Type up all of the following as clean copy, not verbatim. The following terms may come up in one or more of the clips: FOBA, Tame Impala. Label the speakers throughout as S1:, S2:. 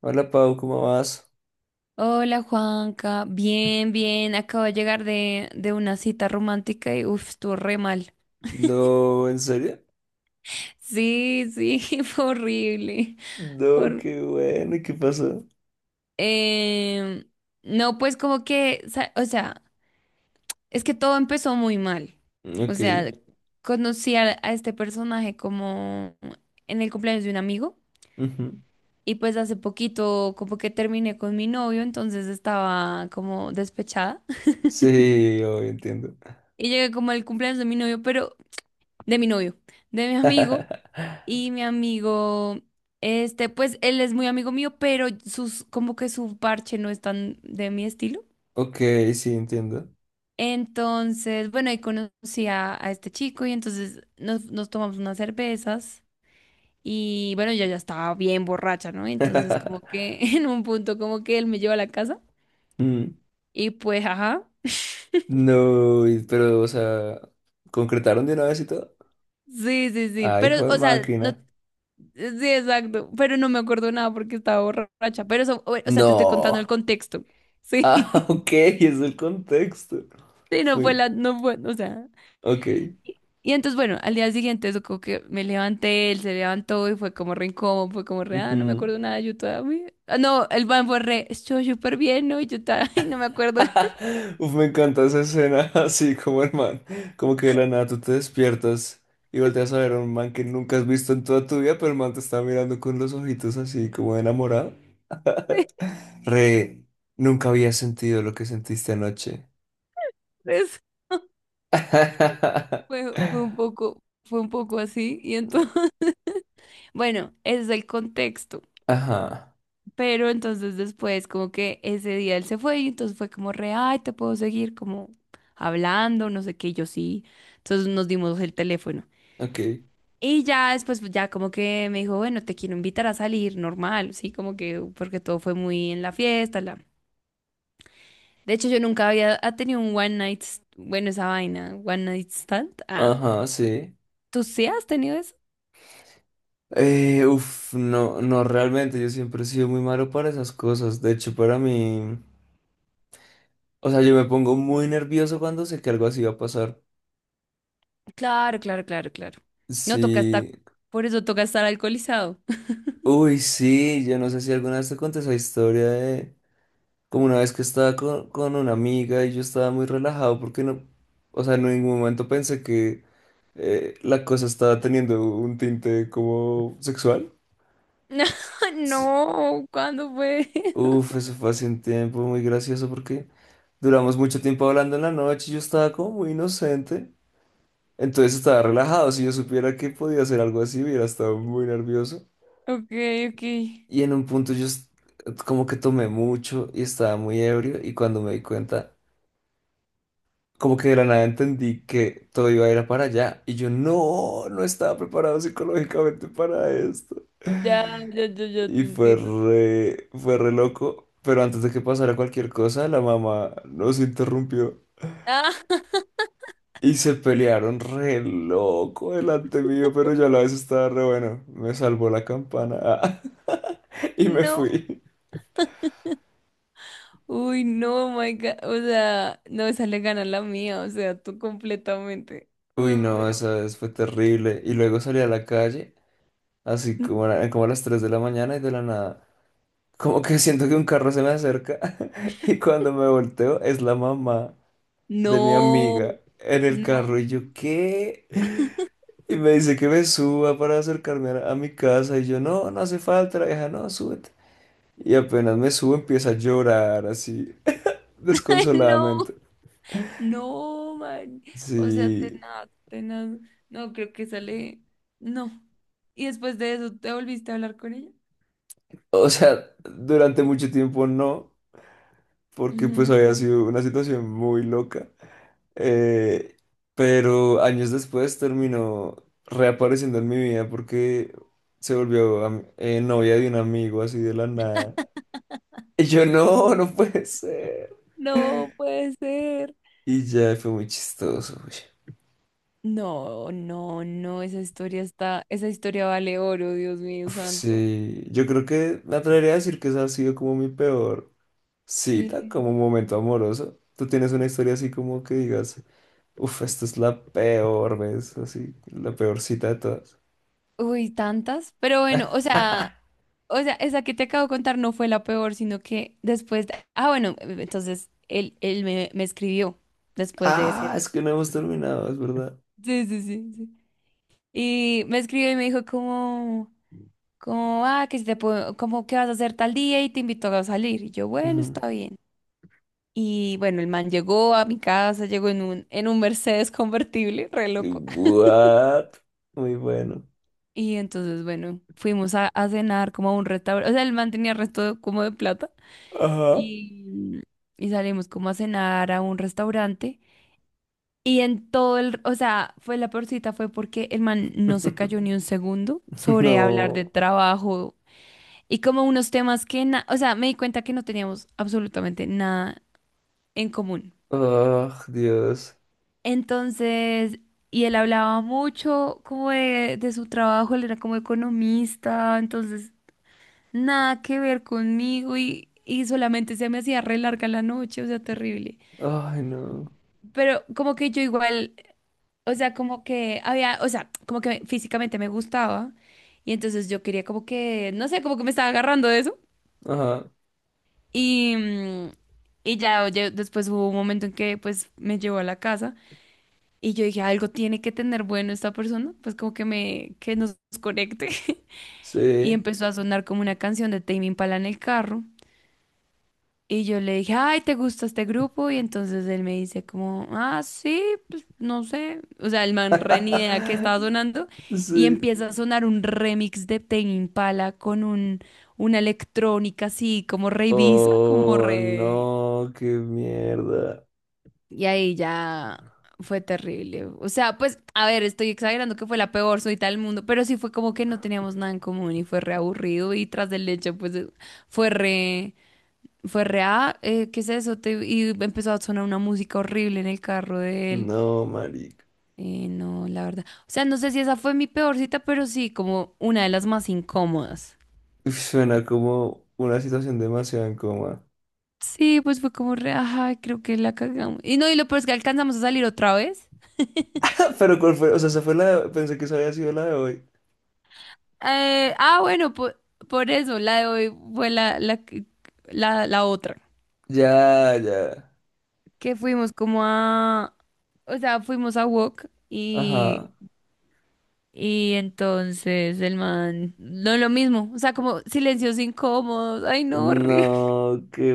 S1: Hola Pau, ¿cómo vas?
S2: Hola Juanca, bien, bien, acabo de llegar de una cita romántica y uff, estuvo re mal.
S1: No, ¿en serio?
S2: Sí, sí, fue horrible.
S1: No,
S2: Hor-
S1: qué bueno, ¿y qué pasó?
S2: Em, no, pues como que, o sea, es que todo empezó muy mal. O
S1: Ok,
S2: sea, conocí a este personaje como en el cumpleaños de un amigo
S1: ujú.
S2: y pues hace poquito como que terminé con mi novio, entonces estaba como despechada.
S1: Sí, hoy entiendo.
S2: Y llegué como al cumpleaños de mi novio, pero de mi novio, de mi amigo. Y mi amigo, pues él es muy amigo mío, pero como que su parche no es tan de mi estilo.
S1: Ok, sí, entiendo.
S2: Entonces, bueno, ahí conocí a este chico y entonces nos tomamos unas cervezas y bueno, yo ya estaba bien borracha, ¿no? Entonces como que en un punto como que él me lleva a la casa
S1: Mm,
S2: y pues, ajá.
S1: no, pero, o sea, ¿concretaron de una vez y todo?
S2: Sí, sí, sí,
S1: Ah,
S2: pero
S1: hijo de
S2: o sea, no,
S1: máquina.
S2: sí, exacto, pero no me acuerdo nada porque estaba borracha, pero eso, o sea, te estoy contando el
S1: No.
S2: contexto, sí.
S1: Ah, ok, es el contexto.
S2: Sí, no fue
S1: Fui,
S2: la, no fue, o sea.
S1: ok.
S2: Y entonces, bueno, al día siguiente, eso como que me levanté, él se levantó y fue como re incómodo, fue como re, ah, no me acuerdo nada, yo todavía. Ah, no, el man fue re, estoy súper bien, ¿no? Y yo estaba, ay, no me acuerdo
S1: Uf, me encanta esa escena, así como el man, como que de la nada tú te despiertas y volteas a ver a un man que nunca has visto en toda tu vida, pero el man te está mirando con los ojitos así como de enamorado. Re, nunca había sentido lo que sentiste anoche.
S2: de eso. Fue, fue un poco así. Y entonces, bueno, ese es el contexto.
S1: Ajá,
S2: Pero entonces después, como que ese día él se fue y entonces fue como re, ay, te puedo seguir como hablando, no sé qué, y yo sí. Entonces nos dimos el teléfono.
S1: ok.
S2: Y ya después, pues, ya como que me dijo, bueno, te quiero invitar a salir, normal, sí, como que, porque todo fue muy en la fiesta, la... De hecho, yo nunca había ha tenido un one night, bueno, esa vaina, one night stand. Ah,
S1: Ajá, sí.
S2: ¿tú sí has tenido eso?
S1: No, no, realmente yo siempre he sido muy malo para esas cosas. De hecho, para mí, o sea, yo me pongo muy nervioso cuando sé que algo así va a pasar.
S2: Claro, claro, claro, claro. No toca estar,
S1: Sí,
S2: por eso toca estar alcoholizado.
S1: uy, sí, yo no sé si alguna vez te conté esa historia de como una vez que estaba con una amiga y yo estaba muy relajado porque no, o sea, en ningún momento pensé que la cosa estaba teniendo un tinte como sexual.
S2: No,
S1: Sí,
S2: no, ¿cuándo fue?
S1: uf, eso fue hace un tiempo muy gracioso porque duramos mucho tiempo hablando en la noche y yo estaba como muy inocente. Entonces estaba relajado, si yo supiera que podía hacer algo así, hubiera estado muy nervioso.
S2: Ok, ok.
S1: Y en un punto como que tomé mucho y estaba muy ebrio y cuando me di cuenta, como que de la nada entendí que todo iba a ir a para allá y yo no, no estaba preparado psicológicamente para esto.
S2: Ya, ya, ya, ya te
S1: Y
S2: entiendo.
S1: fue re loco, pero antes de que pasara cualquier cosa, la mamá nos interrumpió
S2: Ah,
S1: y se pelearon re loco delante mío, pero yo a la vez estaba re bueno, me salvó la campana y me
S2: no.
S1: fui.
S2: Uy, no, my God. O sea, no, esa le gana la mía. O sea, tú completamente.
S1: Uy,
S2: Me
S1: no,
S2: muero.
S1: esa vez fue terrible. Y luego salí a la calle, así como como a las 3 de la mañana y de la nada. Como que siento que un carro se me acerca y cuando me volteo es la mamá de mi
S2: No,
S1: amiga en el
S2: no.
S1: carro y yo, ¿qué? Y me dice que me suba para acercarme a mi casa y yo, no, no hace falta, la vieja, no, súbete. Y apenas me subo empieza a llorar así,
S2: Ay, no,
S1: desconsoladamente.
S2: no, man. O sea,
S1: Sí,
S2: tenaz, tenaz. No, creo que sale. No. Y después de eso, ¿te volviste a hablar con ella?
S1: o sea, durante mucho tiempo no, porque pues
S2: Ujú.
S1: había sido una situación muy loca. Eh, pero años después terminó reapareciendo en mi vida porque se volvió novia de un amigo así de la nada. Y yo no, no puede ser.
S2: No puede ser.
S1: Y ya fue muy chistoso. Uy.
S2: No, no, no. Esa historia está. Esa historia vale oro, Dios mío
S1: Uf,
S2: santo.
S1: sí, yo creo que me atrevería a decir que esa ha sido como mi peor cita,
S2: Sí.
S1: como momento amoroso. ¿Tú tienes una historia así como que digas, uff, esta es la peor vez, así, la peor cita de todas?
S2: Uy, tantas. Pero bueno, o sea. O sea, esa que te acabo de contar no fue la peor, sino que después de- Ah, bueno, entonces él, me escribió después de ese
S1: Ah,
S2: día.
S1: es que no hemos terminado, es verdad.
S2: Sí, sí, sí, sí. Y me escribió y me dijo como, como, ah, que si te puedo, como que vas a hacer tal día y te invito a salir. Y yo, bueno,
S1: Ujú.
S2: está bien. Y bueno, el man llegó a mi casa, llegó en un Mercedes convertible, re loco.
S1: ¿What? Muy bueno.
S2: Y entonces, bueno, fuimos a cenar como a un restaurante. O sea, el man tenía resto como de plata.
S1: Ajá.
S2: Y, y salimos como a cenar a un restaurante. Y en todo el, o sea, fue la peor cita, fue porque el man no se cayó ni un segundo sobre hablar
S1: No.
S2: de trabajo y como unos temas que, o sea, me di cuenta que no teníamos absolutamente nada en común.
S1: Ah, Dios.
S2: Entonces, y él hablaba mucho como de su trabajo, él era como economista, entonces nada que ver conmigo y solamente se me hacía re larga la noche, o sea, terrible.
S1: Ay, no.
S2: Pero como que yo igual, o sea, como que había, o sea, como que físicamente me gustaba. Y entonces yo quería como que, no sé, como que me estaba agarrando de eso.
S1: Ajá.
S2: Y, mm, y ya, oye, después hubo un momento en que pues me llevó a la casa y yo dije, algo tiene que tener bueno esta persona, pues como que me, que nos conecte. Y
S1: Sí.
S2: empezó a sonar como una canción de Tame Impala en el carro. Y yo le dije, ay, ¿te gusta este grupo? Y entonces él me dice como, ah, sí, pues no sé. O sea, el man re ni idea que estaba sonando. Y
S1: Sí.
S2: empieza a sonar un remix de Tame Impala con un, una electrónica así, como re Ibiza, como
S1: Oh,
S2: re...
S1: no, qué mierda.
S2: Y ahí ya fue terrible. O sea, pues, a ver, estoy exagerando que fue la peor soy del mundo, pero sí fue como que no teníamos nada en común y fue re aburrido y tras del hecho, pues, fue re... Fue rea, ¿qué es eso? Y empezó a sonar una música horrible en el carro de él.
S1: No, marica.
S2: No, la verdad. O sea, no sé si esa fue mi peor cita, pero sí, como una de las más incómodas.
S1: Uf, suena como una situación demasiado en coma.
S2: Sí, pues fue como re, ajá, creo que la cagamos. Y no, y lo peor es que alcanzamos a salir otra vez.
S1: Pero ¿cuál fue? O sea, esa fue la de... Pensé que esa había sido la de hoy.
S2: Ah, bueno, por, eso, la de hoy fue la, la, la, la otra.
S1: Ya, ya.
S2: Que fuimos como a, o sea, fuimos a Wok. y
S1: Ajá.
S2: Y entonces el man, no lo mismo, o sea, como silencios incómodos, ay no, horrible.
S1: No, qué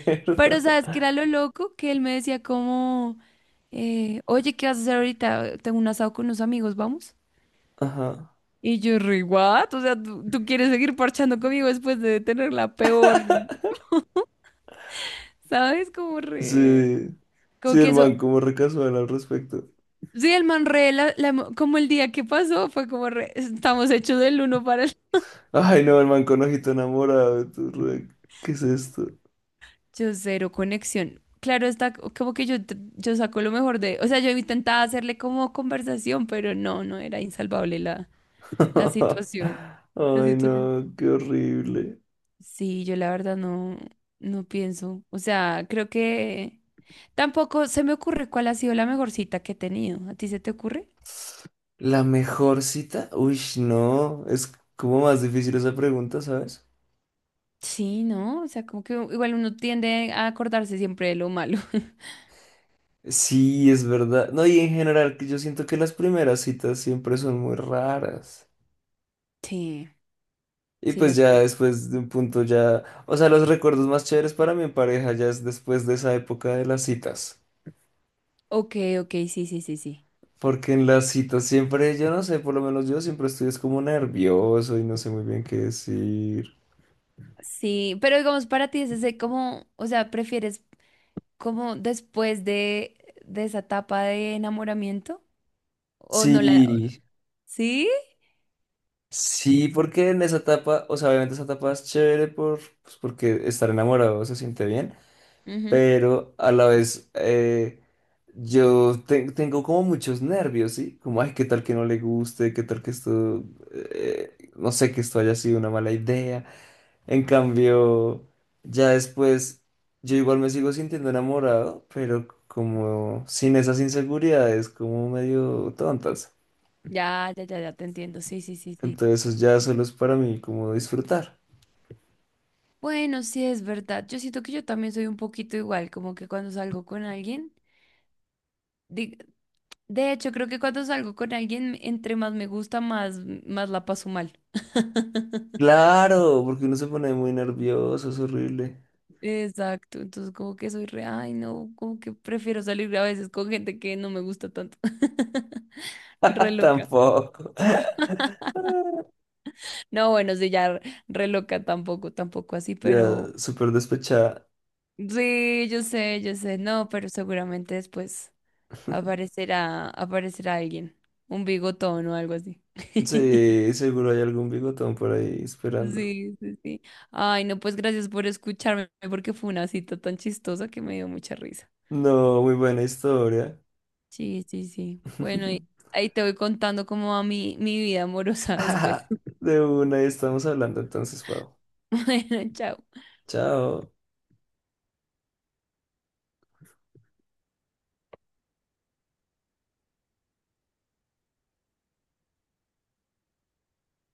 S2: Pero sabes que era lo loco que él me decía como, oye, ¿qué vas a hacer ahorita? Tengo un asado con unos amigos, vamos.
S1: Ajá.
S2: Y yo, re, what? O sea, ¿tú quieres seguir parchando conmigo después de tener la peor, ¿sabes? Como re,
S1: Sí,
S2: como
S1: sí,
S2: que
S1: el
S2: eso.
S1: man, como recasual al respecto.
S2: Sí, el man re, como el día que pasó, fue como re, estamos hechos del uno para el.
S1: Ay, no, el man con ojito enamorado. Tú, re- ¿Qué es esto?
S2: Yo cero conexión. Claro, está como que yo, yo saco lo mejor de, o sea, yo intentaba hacerle como conversación, pero no, no era insalvable la, la situación. La
S1: Ay,
S2: situación.
S1: no, qué horrible.
S2: Sí, yo la verdad no, no pienso. O sea, creo que tampoco se me ocurre cuál ha sido la mejor cita que he tenido. ¿A ti se te ocurre?
S1: ¿La mejor cita? Uy, no, es como más difícil esa pregunta, ¿sabes?
S2: Sí, ¿no? O sea, como que igual uno tiende a acordarse siempre de lo malo.
S1: Sí, es verdad. No, y en general, que yo siento que las primeras citas siempre son muy raras.
S2: Sí,
S1: Y
S2: sí,
S1: pues
S2: las...
S1: ya después de un punto ya, o sea, los recuerdos más chéveres para mi pareja ya es después de esa época de las citas.
S2: Ok, ok, sí, sí, sí, sí.
S1: Porque en las citas siempre, yo no sé, por lo menos yo siempre estoy es como nervioso y no sé muy bien qué decir.
S2: Sí, pero digamos para ti es ese como, o sea, ¿prefieres como después de esa etapa de enamoramiento? ¿O no la...
S1: Sí,
S2: ¿Sí?
S1: sí, porque en esa etapa, o sea, obviamente esa etapa es chévere por, pues porque estar enamorado se siente bien,
S2: Ujú.
S1: pero a la vez, tengo como muchos nervios, ¿sí? Como, ay, qué tal que no le guste, qué tal que esto, no sé, que esto haya sido una mala idea. En cambio, ya después, yo igual me sigo sintiendo enamorado, pero como sin esas inseguridades, como medio tontas.
S2: Ya, ya, ya, ya te entiendo. Sí, sí, sí, sí.
S1: Entonces eso ya solo es para mí como disfrutar.
S2: Bueno, sí es verdad. Yo siento que yo también soy un poquito igual, como que cuando salgo con alguien, di- de hecho creo que cuando salgo con alguien, entre más me gusta, más, más la paso mal.
S1: Claro, porque uno se pone muy nervioso, es horrible.
S2: Exacto, entonces como que soy re, ay no, como que prefiero salir a veces con gente que no me gusta tanto. Re loca.
S1: Tampoco.
S2: No, bueno, sí, ya re re loca tampoco, tampoco así, pero
S1: Ya, súper despechada.
S2: sí, yo sé, no, pero seguramente después aparecerá, aparecerá alguien, un bigotón o algo así.
S1: Sí, seguro hay algún bigotón por ahí esperando.
S2: Sí, sí, sí. Ay, no, pues gracias por escucharme, porque fue una cita tan chistosa que me dio mucha risa.
S1: No, muy buena historia.
S2: Sí, sí, sí. Bueno, y ahí te voy contando cómo va mi, mi vida amorosa después.
S1: De una, estamos hablando entonces, Pau.
S2: Bueno, chao.
S1: Chao.